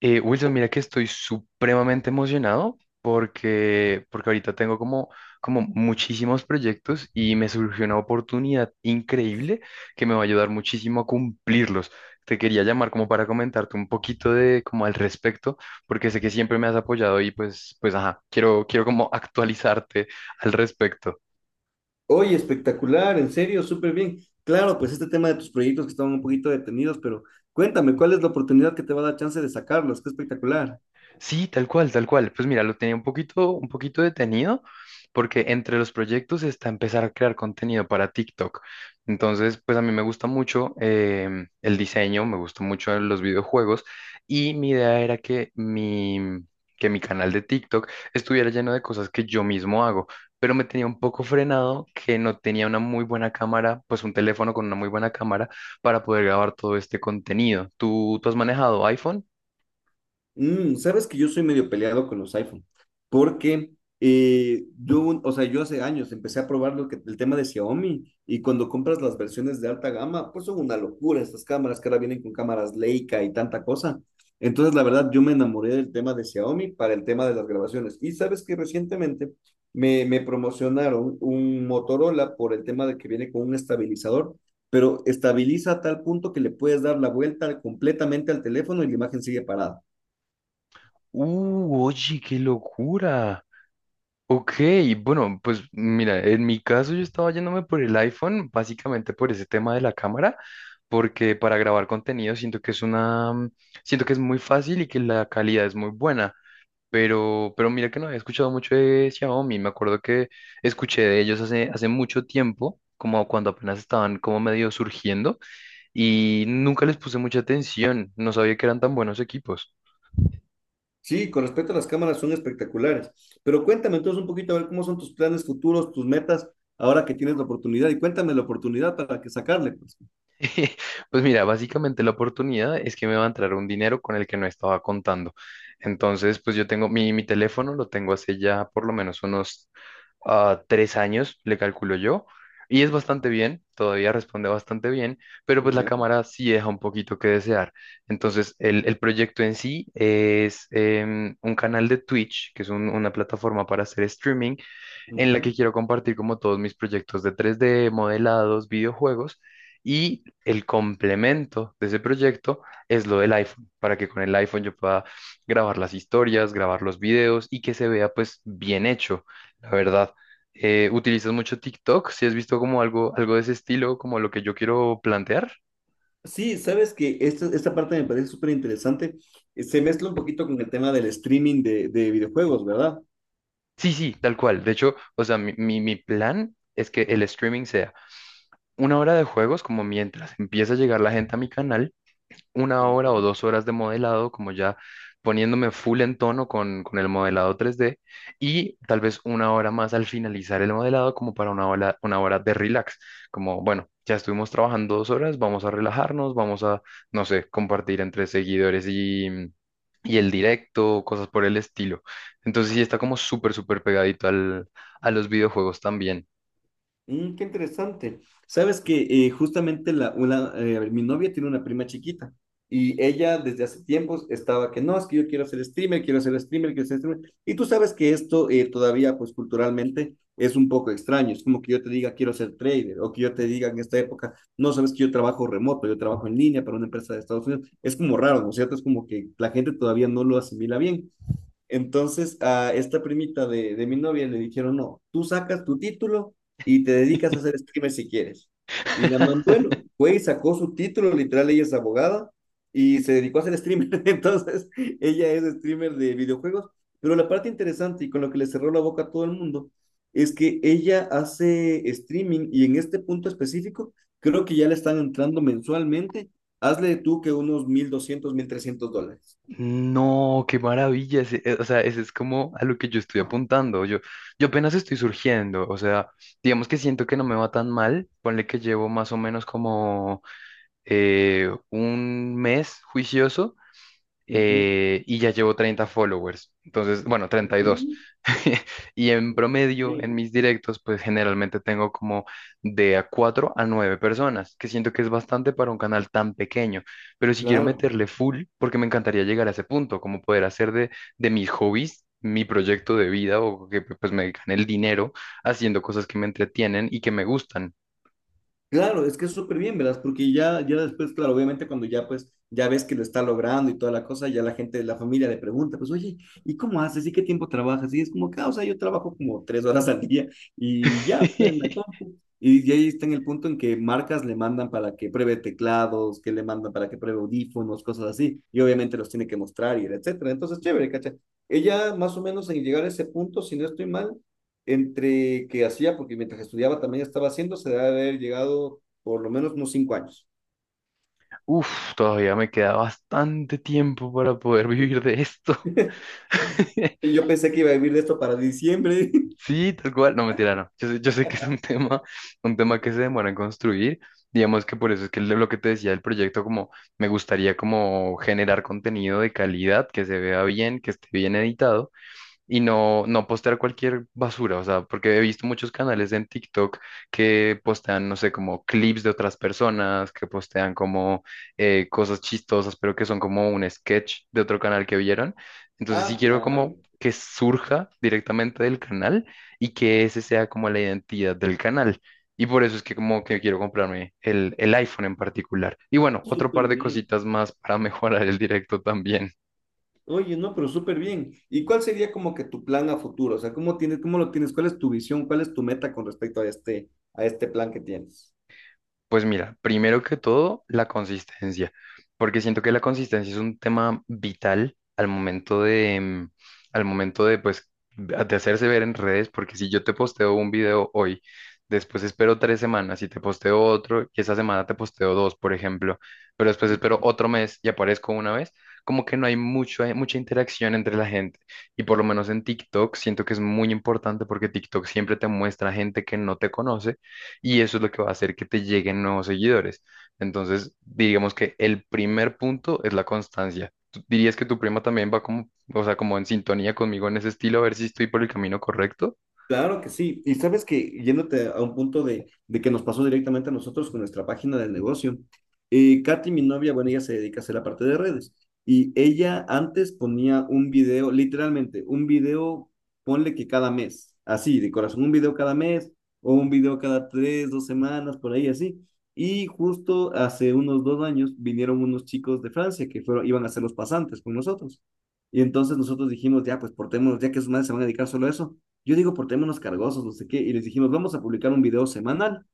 Wilson, mira que estoy supremamente emocionado porque ahorita tengo como muchísimos proyectos y me surgió una oportunidad increíble que me va a ayudar muchísimo a cumplirlos. Te quería llamar como para comentarte un poquito de como al respecto, porque sé que siempre me has apoyado y pues ajá, quiero como actualizarte al respecto. Oye, espectacular, en serio, súper bien. Claro, pues este tema de tus proyectos que estaban un poquito detenidos, pero cuéntame, ¿cuál es la oportunidad que te va a dar chance de sacarlos? Qué espectacular. Sí, tal cual, tal cual. Pues mira, lo tenía un poquito detenido porque entre los proyectos está empezar a crear contenido para TikTok. Entonces, pues a mí me gusta mucho el diseño, me gusta mucho los videojuegos y mi idea era que mi canal de TikTok estuviera lleno de cosas que yo mismo hago, pero me tenía un poco frenado que no tenía una muy buena cámara, pues un teléfono con una muy buena cámara para poder grabar todo este contenido. ¿Tú has manejado iPhone? Sabes que yo soy medio peleado con los iPhone, porque o sea, yo hace años empecé a probar lo que, el tema de Xiaomi y cuando compras las versiones de alta gama, pues son una locura estas cámaras que ahora vienen con cámaras Leica y tanta cosa. Entonces, la verdad, yo me enamoré del tema de Xiaomi para el tema de las grabaciones. Y sabes que recientemente me promocionaron un Motorola por el tema de que viene con un estabilizador, pero estabiliza a tal punto que le puedes dar la vuelta completamente al teléfono y la imagen sigue parada. Oye, qué locura. Ok, bueno, pues mira, en mi caso yo estaba yéndome por el iPhone, básicamente por ese tema de la cámara, porque para grabar contenido siento que es una, siento que es muy fácil y que la calidad es muy buena. Pero mira que no había escuchado mucho de Xiaomi. Me acuerdo que escuché de ellos hace mucho tiempo, como cuando apenas estaban como medio surgiendo, y nunca les puse mucha atención. No sabía que eran tan buenos equipos. Sí, con respecto a las cámaras son espectaculares. Pero cuéntame entonces un poquito a ver cómo son tus planes futuros, tus metas, ahora que tienes la oportunidad. Y cuéntame la oportunidad para que sacarle, pues. Pues mira, básicamente la oportunidad es que me va a entrar un dinero con el que no estaba contando. Entonces, pues yo tengo mi teléfono, lo tengo hace ya por lo menos unos tres años, le calculo yo, y es bastante bien, todavía responde bastante bien, pero pues la Ya. cámara sí deja un poquito que desear. Entonces, el proyecto en sí es un canal de Twitch, que es una plataforma para hacer streaming, en la que Ujú. quiero compartir como todos mis proyectos de 3D, modelados, videojuegos. Y el complemento de ese proyecto es lo del iPhone, para que con el iPhone yo pueda grabar las historias, grabar los videos y que se vea pues bien hecho, la verdad. ¿Utilizas mucho TikTok? Si has visto como algo de ese estilo, como lo que yo quiero plantear. Sí, sabes que esta parte me parece súper interesante. Se mezcla un poquito con el tema del streaming de videojuegos, ¿verdad? Sí, sí, tal cual. De hecho, o sea, mi plan es que el streaming sea una hora de juegos, como mientras empieza a llegar la gente a mi canal, una Ok. hora o dos horas de modelado, como ya poniéndome full en tono con el modelado 3D, y tal vez una hora más al finalizar el modelado, como para una hora de relax, como, bueno, ya estuvimos trabajando dos horas, vamos a relajarnos, vamos a, no sé, compartir entre seguidores y... Y el directo, cosas por el estilo. Entonces sí está como súper pegadito a los videojuegos también. Qué interesante. Sabes que a ver, mi novia tiene una prima chiquita y ella desde hace tiempos estaba que no, es que yo quiero ser streamer, quiero ser streamer, quiero ser streamer. Y tú sabes que esto todavía, pues culturalmente, es un poco extraño. Es como que yo te diga quiero ser trader o que yo te diga en esta época, no sabes que yo trabajo remoto, yo trabajo en línea para una empresa de Estados Unidos. Es como raro, ¿no es cierto? Es como que la gente todavía no lo asimila bien. Entonces a esta primita de mi novia le dijeron, no, tú sacas tu título y te dedicas a hacer streamer si quieres. Y la man, bueno, fue y sacó su título, literal, ella es abogada y se dedicó a ser streamer. Entonces, ella es streamer de videojuegos. Pero la parte interesante y con lo que le cerró la boca a todo el mundo es que ella hace streaming y en este punto específico creo que ya le están entrando mensualmente. Hazle tú que unos mil $1.300. No, qué maravilla. O sea, ese es como a lo que yo estoy apuntando. Yo apenas estoy surgiendo. O sea, digamos que siento que no me va tan mal. Ponle que llevo más o menos como un mes juicioso, Ujú. Y ya llevo 30 followers, entonces, bueno, 32. Mm. Y dos. Y en promedio, en mis directos, pues generalmente tengo como de a 4 a 9 personas, que siento que es bastante para un canal tan pequeño, pero si quiero Claro. meterle full, porque me encantaría llegar a ese punto, como poder hacer de mis hobbies. Mi proyecto de vida o que pues me gane el dinero haciendo cosas que me entretienen y que me gustan. Claro, es que es súper bien, ¿verdad? Porque ya, ya después, claro, obviamente cuando ya pues ya ves que lo está logrando y toda la cosa, ya la gente, la familia le pregunta, pues oye, ¿y cómo haces? ¿Y qué tiempo trabajas? Y es como que, ah, o sea, yo trabajo como 3 horas al día y ya, o sea, en la compu. Y ahí está en el punto en que marcas le mandan para que pruebe teclados, que le mandan para que pruebe audífonos, cosas así. Y obviamente los tiene que mostrar y etcétera. Entonces, chévere, ¿cachai? Ella más o menos en llegar a ese punto, si no estoy mal, entre que hacía, porque mientras estudiaba también estaba haciendo, se debe haber llegado por lo menos unos 5 años. Uf, todavía me queda bastante tiempo para poder vivir de esto. Yo pensé que iba a vivir de esto para diciembre. Sí, tal cual. No, mentira, no. Yo sé que es un tema, un tema que se demora en construir. Digamos que por eso es que lo que te decía del proyecto, como me gustaría como generar contenido de calidad, que se vea bien, que esté bien editado y no postear cualquier basura, o sea, porque he visto muchos canales en TikTok que postean, no sé, como clips de otras personas, que postean como cosas chistosas, pero que son como un sketch de otro canal que vieron. Entonces sí Ah, quiero como claro, que surja directamente del canal y que ese sea como la identidad del canal. Y por eso es que como que quiero comprarme el iPhone en particular. Y bueno, otro súper par de bien. cositas más para mejorar el directo también. Oye, no, pero súper bien. ¿Y cuál sería como que tu plan a futuro? O sea, ¿cómo tienes, cómo lo tienes? ¿Cuál es tu visión? ¿Cuál es tu meta con respecto a este plan que tienes? Pues mira, primero que todo, la consistencia, porque siento que la consistencia es un tema vital al momento de, al momento de, pues, de hacerse ver en redes, porque si yo te posteo un video hoy, después espero tres semanas y te posteo otro, y esa semana te posteo dos, por ejemplo, pero después espero otro mes y aparezco una vez, como que no hay mucho, hay mucha interacción entre la gente, y por lo menos en TikTok siento que es muy importante porque TikTok siempre te muestra gente que no te conoce y eso es lo que va a hacer que te lleguen nuevos seguidores. Entonces, digamos que el primer punto es la constancia. ¿Tú dirías que tu prima también va como, o sea, como en sintonía conmigo en ese estilo, a ver si estoy por el camino correcto? Claro que sí. Y sabes que yéndote a un punto de que nos pasó directamente a nosotros con nuestra página del negocio, Katy, mi novia, bueno, ella se dedica a hacer la parte de redes. Y ella antes ponía un video, literalmente, un video, ponle que cada mes, así, de corazón, un video cada mes o un video cada tres, dos semanas, por ahí así. Y justo hace unos 2 años vinieron unos chicos de Francia que fueron, iban a ser los pasantes con nosotros. Y entonces nosotros dijimos, ya, pues portémonos, ya que sus madres se van a dedicar solo a eso yo digo por temas cargosos, no sé qué, y les dijimos, vamos a publicar un video semanal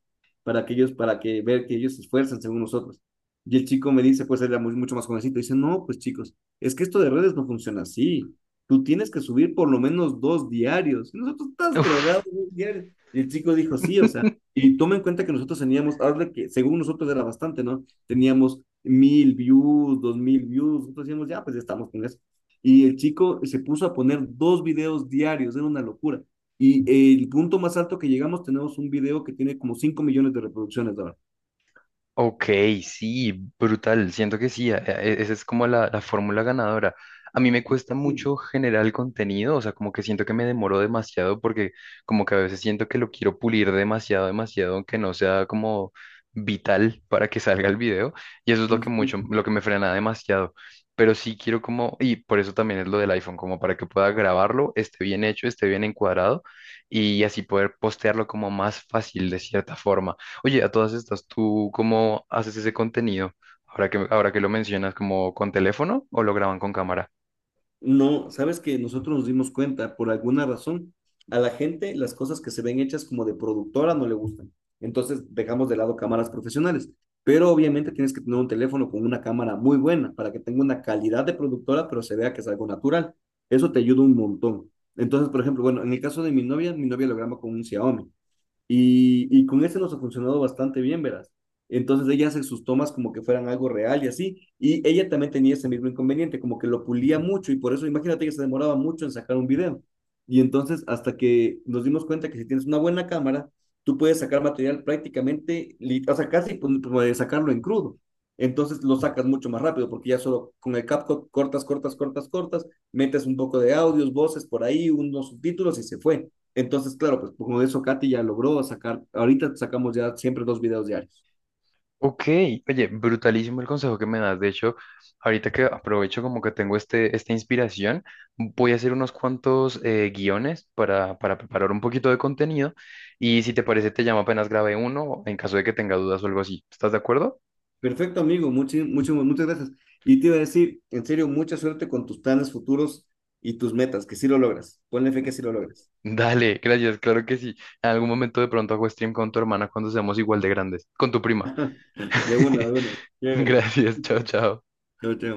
para que ellos, para que ver que ellos se esfuerzan según nosotros. Y el chico me dice, pues él era mucho más jovencito, y dice, no, pues chicos, es que esto de redes no funciona así. Tú tienes que subir por lo menos dos diarios. Y nosotros estás drogado, Uf. dos diarios. Y el chico dijo, sí, o sea, y toma en cuenta que nosotros teníamos, ahora que según nosotros era bastante, ¿no? Teníamos mil views, 2.000 views, nosotros decíamos, ya, pues ya estamos con eso. Y el chico se puso a poner dos videos diarios, era una locura. Y el punto más alto que llegamos, tenemos un video que tiene como 5 millones de reproducciones ahora. Ok, sí, brutal. Siento que sí, esa es como la fórmula ganadora. A mí me cuesta mucho generar el contenido, o sea, como que siento que me demoro demasiado porque como que a veces siento que lo quiero pulir demasiado, demasiado, aunque no sea como vital para que salga el video. Y eso es lo que me frena demasiado. Pero sí quiero como, y por eso también es lo del iPhone, como para que pueda grabarlo, esté bien hecho, esté bien encuadrado y así poder postearlo como más fácil de cierta forma. Oye, a todas estas, ¿tú cómo haces ese contenido? Ahora que lo mencionas, ¿como con teléfono o lo graban con cámara? No, sabes que nosotros nos dimos cuenta, por alguna razón, a la gente las cosas que se ven hechas como de productora no le gustan. Entonces dejamos de lado cámaras profesionales. Pero obviamente tienes que tener un teléfono con una cámara muy buena para que tenga una calidad de productora, pero se vea que es algo natural. Eso te ayuda un montón. Entonces, por ejemplo, bueno, en el caso de mi novia lo graba con un Xiaomi. Y con ese nos ha funcionado bastante bien, verás. Entonces ella hace sus tomas como que fueran algo real y así. Y ella también tenía ese mismo inconveniente, como que lo pulía mucho y por eso imagínate que se demoraba mucho en sacar un video. Y entonces hasta que nos dimos cuenta que si tienes una buena cámara, tú puedes sacar material prácticamente, o sea, casi pues, puedes sacarlo en crudo. Entonces lo sacas mucho más rápido porque ya solo con el CapCut cortas, cortas, cortas, cortas, metes un poco de audios, voces por ahí, unos subtítulos y se fue. Entonces, claro, pues como eso Katy ya logró sacar, ahorita sacamos ya siempre dos videos diarios. Ok, oye, brutalísimo el consejo que me das. De hecho, ahorita que aprovecho como que tengo esta inspiración, voy a hacer unos cuantos guiones para preparar un poquito de contenido y si te parece te llamo apenas grabe uno en caso de que tenga dudas o algo así. ¿Estás de acuerdo? Perfecto, amigo, muchas, muchas, muchas gracias. Y te iba a decir, en serio, mucha suerte con tus planes futuros y tus metas, que sí lo logras. Ponle fe que sí lo logras. Dale, gracias, claro que sí. En algún momento de pronto hago stream con tu hermana cuando seamos igual de grandes, con tu prima. De una, de una. Chévere. Gracias, chao, chao. Chao, chao.